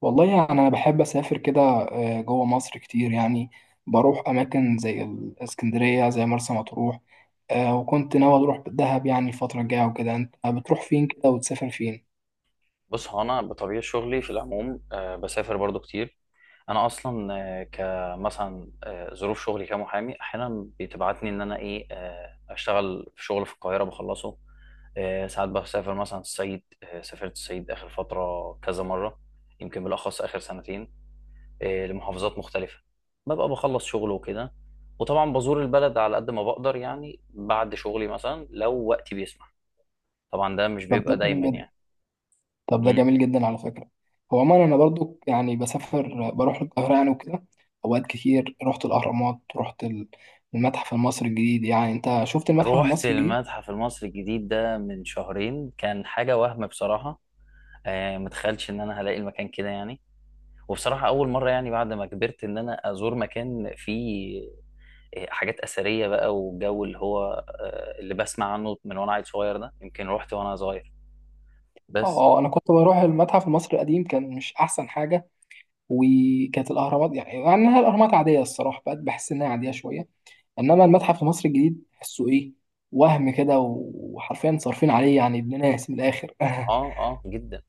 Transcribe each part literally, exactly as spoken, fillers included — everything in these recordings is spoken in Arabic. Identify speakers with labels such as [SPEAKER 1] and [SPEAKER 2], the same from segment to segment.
[SPEAKER 1] والله يعني أنا بحب أسافر كده آه، جوه مصر كتير يعني. بروح أماكن زي الإسكندرية زي مرسى مطروح. آه، وكنت ناوي أروح دهب يعني الفترة الجاية وكده، أنت بتروح فين كده وتسافر فين؟
[SPEAKER 2] بص، هو انا بطبيعه شغلي في العموم، آه، بسافر برضو كتير. انا اصلا آه، كمثلا آه، ظروف شغلي كمحامي احيانا بتبعتني ان انا ايه آه، اشتغل في شغل في القاهره بخلصه. آه، ساعات بسافر مثلا الصعيد. آه، سافرت الصعيد اخر فتره كذا مره. يمكن بالاخص اخر سنتين. آه، لمحافظات مختلفه. ببقى بخلص شغل وكده. وطبعا بزور البلد على قد ما بقدر، يعني بعد شغلي مثلا لو وقتي بيسمح. طبعا ده مش
[SPEAKER 1] طب ده
[SPEAKER 2] بيبقى دايما
[SPEAKER 1] جميل جدا
[SPEAKER 2] يعني.
[SPEAKER 1] طب ده جميل جدا على فكرة. هو عموما أنا برضو يعني بسافر بروح القاهرة يعني وكده. أوقات كتير رحت الأهرامات، رحت ال- المتحف المصري الجديد. يعني أنت شفت المتحف
[SPEAKER 2] روحت
[SPEAKER 1] المصري الجديد؟
[SPEAKER 2] المتحف المصري الجديد ده من شهرين، كان حاجة وهم بصراحة. آه متخيلش ان انا هلاقي المكان كده يعني. وبصراحة اول مرة، يعني بعد ما كبرت ان انا ازور مكان فيه آه، حاجات اثرية بقى. والجو اللي هو آه اللي بسمع عنه من وانا عيل صغير، ده يمكن روحت وانا صغير
[SPEAKER 1] اه،
[SPEAKER 2] بس.
[SPEAKER 1] آه، أنا كنت بروح المتحف المصري القديم كان مش أحسن حاجة. وكانت الاهرامات يعني مع انها الاهرامات عاديه الصراحه، بقت بحس انها عاديه شويه. انما المتحف في مصر الجديد تحسه ايه، وهم كده وحرفيا صارفين عليه يعني ابن ناس من الاخر. اه.
[SPEAKER 2] اه، اه، جدا.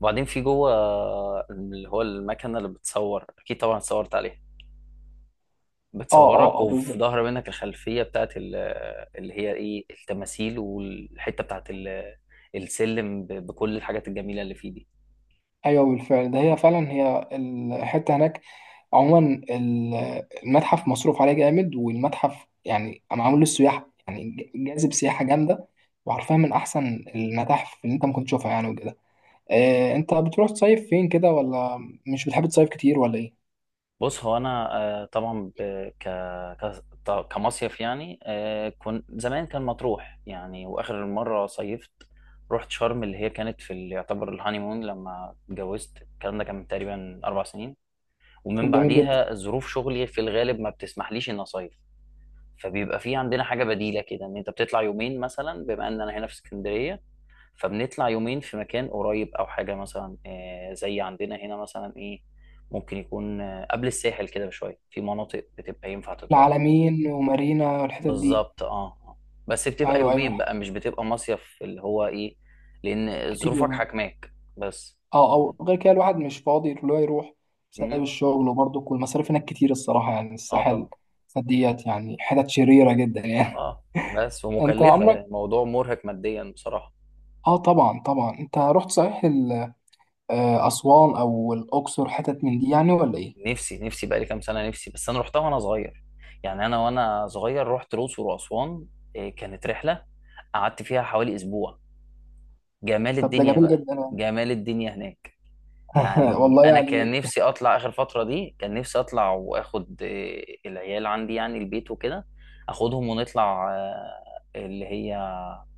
[SPEAKER 2] وبعدين في جوه، آه، اللي هو المكنة اللي بتصور، اكيد طبعا اتصورت عليها.
[SPEAKER 1] اه
[SPEAKER 2] بتصورك،
[SPEAKER 1] اه
[SPEAKER 2] وفي
[SPEAKER 1] بالظبط.
[SPEAKER 2] ظهر منك الخلفية بتاعت ال- اللي هي ايه التماثيل، والحتة بتاعت ال- السلم ب- بكل الحاجات الجميلة اللي فيه دي.
[SPEAKER 1] ايوه بالفعل ده هي فعلا، هي الحته هناك. عموما ال- المتحف مصروف عليه جامد، والمتحف يعني معمول للسياح يعني ج- جاذب سياحه جامده. وعارفها من احسن المتاحف اللي انت ممكن تشوفها يعني وكده. آه، انت بتروح تصيف فين كده، ولا مش بتحب تصيف كتير ولا ايه؟
[SPEAKER 2] بص، هو انا آه، طبعا ب- ك ك- ط- كمصيف يعني. آه، كنت زمان كان مطروح يعني، واخر مرة صيفت رحت شرم اللي هي كانت في ال- يعتبر الهانيمون لما اتجوزت، الكلام ده كان من تقريبا اربع سنين. ومن
[SPEAKER 1] طب جميل جدا.
[SPEAKER 2] بعديها ظروف شغلي في الغالب ما بتسمحليش اني اصيف. فبيبقى في عندنا حاجه بديله كده، ان انت بتطلع يومين مثلا، بما ان انا هنا في اسكندريه، فبنطلع يومين في مكان قريب او حاجه، مثلا آه، زي عندنا هنا مثلا ايه، ممكن يكون آه، قبل الساحل كده بشويه، في مناطق بتبقى ينفع تتروح.
[SPEAKER 1] العلمين ومارينا والحتت دي.
[SPEAKER 2] بالظبط، اه. آه. بس بتبقى
[SPEAKER 1] ايوه
[SPEAKER 2] يومين
[SPEAKER 1] ايوه
[SPEAKER 2] بقى، مش بتبقى مصيف اللي هو ايه، لان
[SPEAKER 1] كتير.
[SPEAKER 2] ظروفك حاكماك بس.
[SPEAKER 1] اه، او غير كده الواحد مش فاضي اللي هو يروح
[SPEAKER 2] مم.
[SPEAKER 1] بسبب الشغل، وبرضه كل المصاريف هناك كتير الصراحه يعني
[SPEAKER 2] اه،
[SPEAKER 1] الساحل
[SPEAKER 2] طبعا.
[SPEAKER 1] ديت يعني حتت شريره جدا يعني.
[SPEAKER 2] اه. بس
[SPEAKER 1] انت
[SPEAKER 2] ومكلفه،
[SPEAKER 1] عمرك.
[SPEAKER 2] يعني الموضوع مرهق ماديا بصراحه.
[SPEAKER 1] اه طبعا طبعا، انت رحت صحيح ال- آه، اسوان او الاقصر حتت من دي يعني ولا ايه؟
[SPEAKER 2] نفسي نفسي بقالي كام سنة، نفسي. بس أنا روحتها وأنا صغير، يعني أنا وأنا صغير رحت الأقصر وأسوان. إيه، كانت رحلة قعدت فيها حوالي أسبوع، جمال
[SPEAKER 1] طب ده
[SPEAKER 2] الدنيا
[SPEAKER 1] جميل
[SPEAKER 2] بقى.
[SPEAKER 1] جدا يعني.
[SPEAKER 2] جمال الدنيا هناك. يعني
[SPEAKER 1] والله
[SPEAKER 2] أنا كان
[SPEAKER 1] يعني.
[SPEAKER 2] نفسي أطلع آخر فترة دي، كان نفسي أطلع وآخد إيه، العيال عندي يعني، البيت وكده، أخدهم ونطلع آه، اللي هي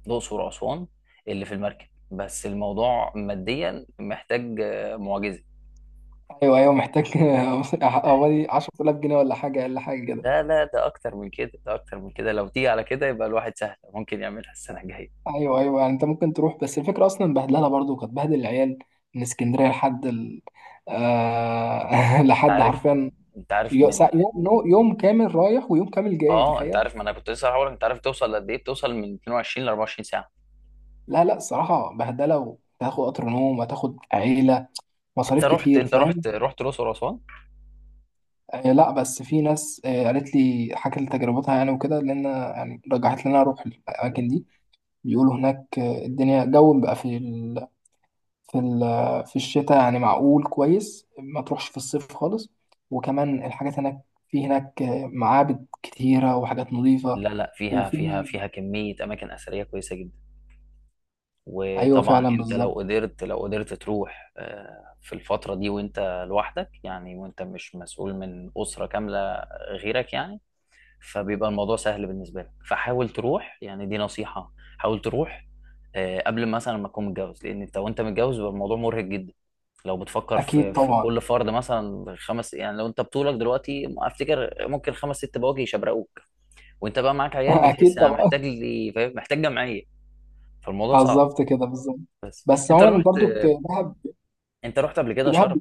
[SPEAKER 2] الأقصر وأسوان، اللي في المركب. بس الموضوع ماديا محتاج آه، معجزة.
[SPEAKER 1] ايوه ايوه محتاج. حوالي عشرة آلاف جنيه ولا حاجه اقل حاجه كده.
[SPEAKER 2] لا، لا، ده اكتر من كده، ده اكتر من كده. لو تيجي على كده يبقى الواحد سهل ممكن يعملها السنه الجايه.
[SPEAKER 1] ايوه ايوه، يعني انت ممكن تروح بس الفكره اصلا بهدلها، برضو كانت بهدل العيال من اسكندريه لحد ال... آه...
[SPEAKER 2] انت
[SPEAKER 1] لحد
[SPEAKER 2] عارف،
[SPEAKER 1] حرفيا.
[SPEAKER 2] انت عارف
[SPEAKER 1] يو-
[SPEAKER 2] من...
[SPEAKER 1] سا- يوم نو- يوم كامل رايح ويوم كامل جاي،
[SPEAKER 2] اه، انت
[SPEAKER 1] تخيل.
[SPEAKER 2] عارف، ما انا كنت لسه هقول انت عارف توصل لقد ايه، بتوصل من اتنين وعشرين ل اربعه وعشرين ساعه.
[SPEAKER 1] لا لا الصراحه بهدله، وتاخد قطر نوم وتاخد عيله
[SPEAKER 2] انت
[SPEAKER 1] مصاريف
[SPEAKER 2] رحت
[SPEAKER 1] كتير
[SPEAKER 2] انت
[SPEAKER 1] فاهم.
[SPEAKER 2] رحت رحت الاقصر واسوان؟
[SPEAKER 1] آه لا، بس في ناس، آه قالت لي حكت لي تجربتها يعني وكده، لان يعني رجحت لي ان انا اروح الاماكن دي. بيقولوا هناك آه، الدنيا جو بقى في في ال- في الشتاء يعني معقول كويس. ما تروحش في الصيف خالص. وكمان الحاجات هناك، في هناك معابد كتيرة وحاجات نظيفة
[SPEAKER 2] لا، لا، فيها فيها
[SPEAKER 1] وفي.
[SPEAKER 2] فيها كميه اماكن اثريه كويسه جدا.
[SPEAKER 1] أيوة
[SPEAKER 2] وطبعا
[SPEAKER 1] فعلا
[SPEAKER 2] انت لو
[SPEAKER 1] بالظبط.
[SPEAKER 2] قدرت لو قدرت تروح آه، في الفتره دي، وانت لوحدك يعني، وانت مش مسؤول من اسره كامله غيرك يعني، فبيبقى الموضوع سهل بالنسبه لك، فحاول تروح يعني، دي نصيحه. حاول تروح آه، قبل مثلا ما تكون متجوز، لان انت وانت متجوز بيبقى الموضوع مرهق جدا. لو بتفكر
[SPEAKER 1] أكيد
[SPEAKER 2] في في
[SPEAKER 1] طبعا.
[SPEAKER 2] كل فرد مثلا خمس، يعني لو انت بطولك دلوقتي افتكر ممكن خمس ست بواجي يشبرقوك، وانت بقى معاك عيال، بتحس
[SPEAKER 1] أكيد
[SPEAKER 2] انا
[SPEAKER 1] طبعا.
[SPEAKER 2] محتاج لي، فاهم؟ محتاج جمعيه، فالموضوع
[SPEAKER 1] آه،
[SPEAKER 2] صعب.
[SPEAKER 1] بالظبط كده بالظبط.
[SPEAKER 2] بس
[SPEAKER 1] بس
[SPEAKER 2] انت
[SPEAKER 1] عموما
[SPEAKER 2] رحت
[SPEAKER 1] برضو ك- دهب
[SPEAKER 2] انت رحت قبل كده
[SPEAKER 1] دهب.
[SPEAKER 2] شرم؟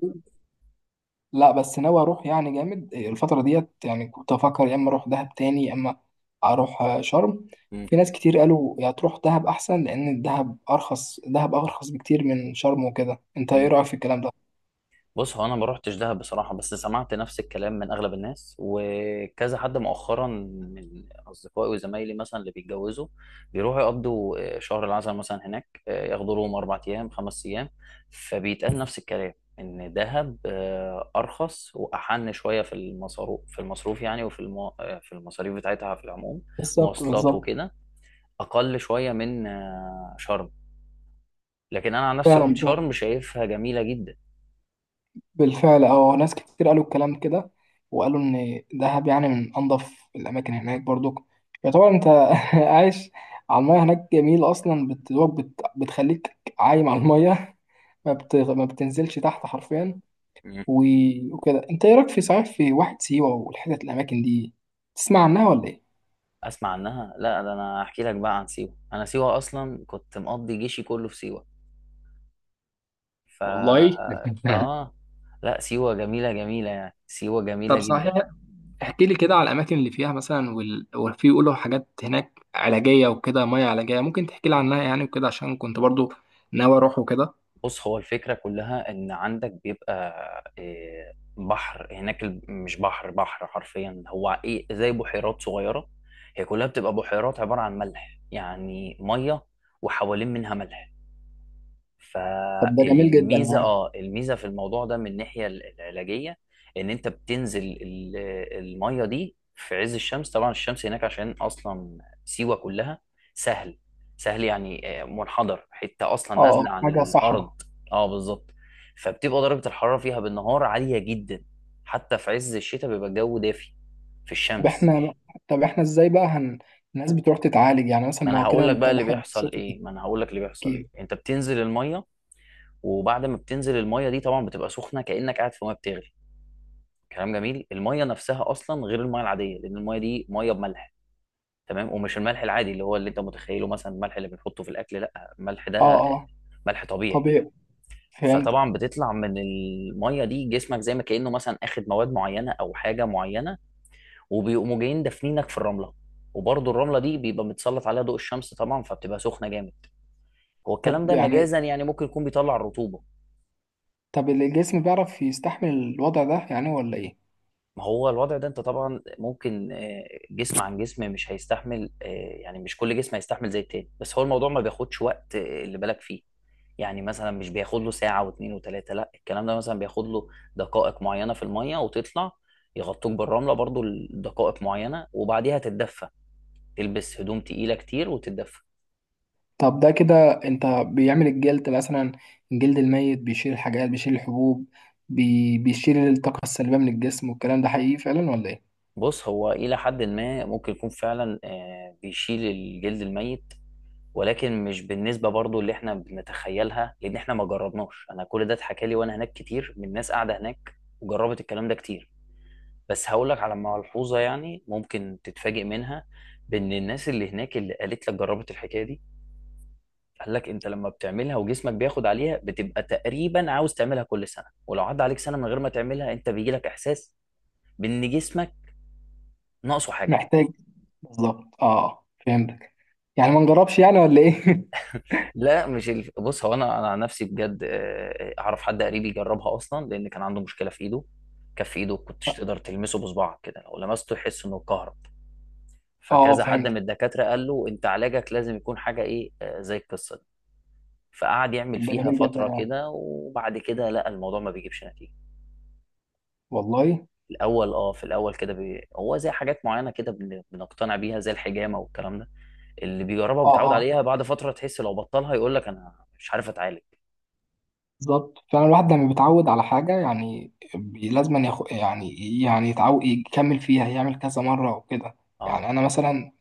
[SPEAKER 1] لا بس ناوي اروح يعني جامد الفتره ديت يعني. كنت افكر يا اما اروح دهب تاني يا اما اروح آه، شرم.
[SPEAKER 2] مم.
[SPEAKER 1] في ناس كتير قالوا يا تروح دهب احسن، لان الدهب ارخص دهب ارخص بكتير من شرم وكده. انت ايه
[SPEAKER 2] مم.
[SPEAKER 1] رايك في الكلام ده؟
[SPEAKER 2] بص، هو انا ما روحتش دهب بصراحه، بس سمعت نفس الكلام من اغلب الناس وكذا حد مؤخرا من اصدقائي وزمايلي مثلا، اللي بيتجوزوا بيروحوا يقضوا آه، شهر العسل مثلا هناك، آه، ياخدوا لهم اربع ايام خمس ايام. فبيتقال نفس الكلام، ان دهب آه، ارخص واحن شويه في المصروف في المصروف يعني، وفي المو... آه، في المصاريف بتاعتها في العموم،
[SPEAKER 1] بالظبط
[SPEAKER 2] مواصلات
[SPEAKER 1] بالظبط.
[SPEAKER 2] وكده، اقل شويه من آه، شرم. لكن انا عن نفسي رحت
[SPEAKER 1] فعلا فعلا
[SPEAKER 2] شرم، شايفها جميله جدا.
[SPEAKER 1] بالفعل. اه ناس كتير قالوا الكلام كده، وقالوا ان دهب يعني من انظف الاماكن هناك برضو. يعتبر انت عايش على المايه هناك. جميل اصلا بت... دوب بت... بتخليك عايم على المايه. ما, بت... ما بتنزلش تحت حرفيا. و- وكده، انت ايه رايك في صحيح في واحد سيوه والحتت الاماكن دي، تسمع عنها ولا ايه؟
[SPEAKER 2] اسمع عنها؟ لا، ده انا احكي لك بقى عن سيوه. انا سيوه اصلا كنت مقضي جيشي كله في سيوه، ف
[SPEAKER 1] والله.
[SPEAKER 2] اه. لا، سيوه جميله جميله يعني، سيوه جميله
[SPEAKER 1] طب صحيح
[SPEAKER 2] جدا.
[SPEAKER 1] احكي لي كده على الاماكن اللي فيها مثلا وال... وفي يقولوا حاجات هناك علاجيه وكده، ميه علاجيه ممكن تحكي لي عنها يعني وكده، عشان كنت برضو ناوي اروح وكده.
[SPEAKER 2] بص، هو الفكره كلها ان عندك بيبقى إيه، بحر هناك، ال- مش بحر بحر حرفيا، هو ايه زي بحيرات صغيره، هي كلها بتبقى بحيرات عباره عن ملح يعني، ميه وحوالين منها ملح.
[SPEAKER 1] طب ده جميل جدا
[SPEAKER 2] فالميزه،
[SPEAKER 1] يعني.
[SPEAKER 2] اه الميزه في الموضوع ده من الناحيه ال- العلاجيه، ان انت بتنزل ال- الميه دي في عز الشمس. طبعا الشمس هناك عشان اصلا سيوه كلها سهل. سهل يعني آه، منحدر، حته اصلا
[SPEAKER 1] اه اه
[SPEAKER 2] نازله عن
[SPEAKER 1] حاجه
[SPEAKER 2] الارض.
[SPEAKER 1] صحراء.
[SPEAKER 2] اه، بالظبط. فبتبقى درجه الحراره فيها بالنهار عاليه جدا، حتى في عز الشتاء بيبقى الجو دافي في
[SPEAKER 1] طب
[SPEAKER 2] الشمس.
[SPEAKER 1] احنا طب احنا ازاي بقى هن... الناس بتروح تتعالج يعني مثلا؟
[SPEAKER 2] ما
[SPEAKER 1] ما
[SPEAKER 2] انا
[SPEAKER 1] هو كده
[SPEAKER 2] هقول لك
[SPEAKER 1] انت
[SPEAKER 2] بقى اللي
[SPEAKER 1] الواحد
[SPEAKER 2] بيحصل
[SPEAKER 1] بيشوط
[SPEAKER 2] ايه ما انا هقول لك اللي بيحصل
[SPEAKER 1] التفكير.
[SPEAKER 2] ايه، انت بتنزل الميه، وبعد ما بتنزل الميه دي طبعا بتبقى سخنه كانك قاعد في ميه بتغلي. كلام جميل، الميه نفسها اصلا غير الميه العاديه، لان الميه دي ميه بملح. تمام، ومش الملح العادي اللي هو اللي انت متخيله، مثلا الملح اللي بنحطه في الاكل، لا، الملح ده
[SPEAKER 1] اه اه
[SPEAKER 2] ملح طبيعي.
[SPEAKER 1] طبيعي فهمت.
[SPEAKER 2] فطبعا بتطلع من الميه دي، جسمك زي ما كانه مثلا اخد مواد معينه او حاجه معينه، وبيقوموا جايين دافنينك في الرمله. وبرضه الرمله دي بيبقى متسلط عليها ضوء الشمس طبعا، فبتبقى سخنه جامد. هو الكلام
[SPEAKER 1] طب
[SPEAKER 2] ده
[SPEAKER 1] يعني
[SPEAKER 2] مجازا يعني، ممكن يكون بيطلع الرطوبه.
[SPEAKER 1] طب الجسم بيعرف يستحمل الوضع ده يعني ولا ايه؟
[SPEAKER 2] ما هو الوضع ده انت طبعا ممكن آه، جسم عن جسم مش هيستحمل، آه، يعني مش كل جسم هيستحمل زي التاني. بس هو الموضوع ما بياخدش وقت آه، اللي بالك فيه، يعني مثلا مش بياخد له ساعة واتنين وتلاتة، لا، الكلام ده مثلا بياخد له دقائق معينة في المية وتطلع. يغطوك بالرملة برضو لدقائق معينة، وبعديها تتدفى، تلبس هدوم تقيلة كتير وتتدفى.
[SPEAKER 1] طب ده كده انت بيعمل الجلد مثلا الجلد الميت بيشيل الحاجات، بيشيل الحبوب، بي... بيشيل الطاقة السلبية من الجسم، والكلام ده حقيقي فعلا ولا ايه؟
[SPEAKER 2] بص، هو إلى حد ما ممكن يكون فعلا آه، بيشيل الجلد الميت، ولكن مش بالنسبه برضو اللي احنا بنتخيلها، لان احنا ما جربناش. انا كل ده اتحكى لي وانا هناك كتير من ناس قاعده هناك وجربت الكلام ده كتير. بس هقول لك على ملحوظه يعني، ممكن تتفاجئ منها، بان الناس اللي هناك اللي قالت لك جربت الحكايه دي، قال لك انت لما بتعملها وجسمك بياخد عليها، بتبقى تقريبا عاوز تعملها كل سنه، ولو عدى عليك سنه من غير ما تعملها، انت بيجي لك احساس بان جسمك ناقصه حاجه.
[SPEAKER 1] محتاج بالظبط اه، آه، فهمتك. يعني ما نجربش يعني ولا ايه؟
[SPEAKER 2] لا مش الف... بص، هو انا انا عن نفسي بجد آه، اعرف حد قريب يجربها اصلا، لان كان عنده مشكله في ايده، كف ايده كنتش تقدر تلمسه بصبعك كده، لو لمسته يحس انه كهرب.
[SPEAKER 1] اه اه
[SPEAKER 2] فكذا حد من
[SPEAKER 1] فهمت.
[SPEAKER 2] الدكاتره قال له انت علاجك لازم يكون حاجه ايه آه، زي القصه دي. فقعد يعمل
[SPEAKER 1] طب ده
[SPEAKER 2] فيها
[SPEAKER 1] جميل جدا
[SPEAKER 2] فتره
[SPEAKER 1] يعني،
[SPEAKER 2] كده، وبعد كده لقى الموضوع ما بيجيبش نتيجه.
[SPEAKER 1] والله.
[SPEAKER 2] في الاول اه في الاول كده بي... هو زي حاجات معينه كده بن... بنقتنع بيها، زي الحجامه والكلام ده، اللي بيجربها
[SPEAKER 1] اه
[SPEAKER 2] وبيتعود
[SPEAKER 1] اه
[SPEAKER 2] عليها، بعد فتره تحس لو بطلها يقول لك انا مش عارف اتعالج.
[SPEAKER 1] بالظبط فعلا. الواحد لما بيتعود على حاجة يعني بي- لازم أن يخ... يعني يعني يتعود يكمل فيها يعمل كذا مرة وكده.
[SPEAKER 2] اه.
[SPEAKER 1] يعني أنا مثلا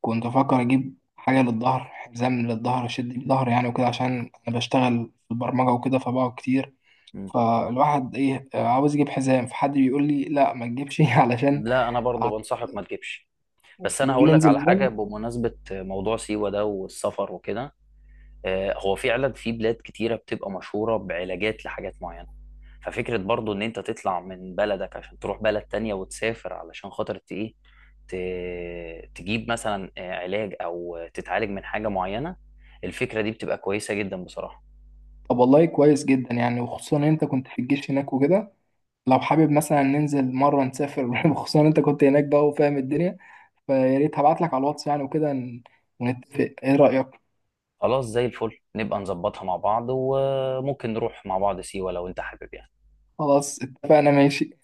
[SPEAKER 1] كنت بفكر اجيب حاجه للظهر حزام للظهر اشد بيه ظهري يعني وكده، عشان انا بشتغل في البرمجه وكده فبقعد كتير. فالواحد ايه آه، عاوز يجيب حزام، فحد بيقول لي لا ما تجيبش. علشان
[SPEAKER 2] لا، انا برضو بنصحك ما تجيبش. بس انا
[SPEAKER 1] بيقول
[SPEAKER 2] هقول
[SPEAKER 1] لي
[SPEAKER 2] لك
[SPEAKER 1] انزل
[SPEAKER 2] على حاجه
[SPEAKER 1] جيم.
[SPEAKER 2] بمناسبه موضوع سيوه ده والسفر وكده، آه، هو فعلا في بلاد كتيره بتبقى مشهوره بعلاجات لحاجات معينه. ففكره برضو ان انت تطلع من بلدك عشان تروح بلد تانية وتسافر، علشان خاطر ت- ايه، ت- تجيب مثلا آه، علاج او تتعالج من حاجه معينه، الفكره دي بتبقى كويسه جدا بصراحه.
[SPEAKER 1] طب والله كويس جدا يعني، وخصوصا إن انت كنت في الجيش هناك وكده. لو حابب مثلا ننزل مره نسافر وخصوصا إن انت كنت هناك بقى وفاهم الدنيا. فيا ريت هبعت لك على الواتس يعني وكده ن- ونتفق، ايه رايك؟
[SPEAKER 2] خلاص، زي الفل، نبقى نظبطها مع بعض، وممكن نروح مع بعض سيوه لو انت حابب يعني.
[SPEAKER 1] خلاص اتفقنا ماشي.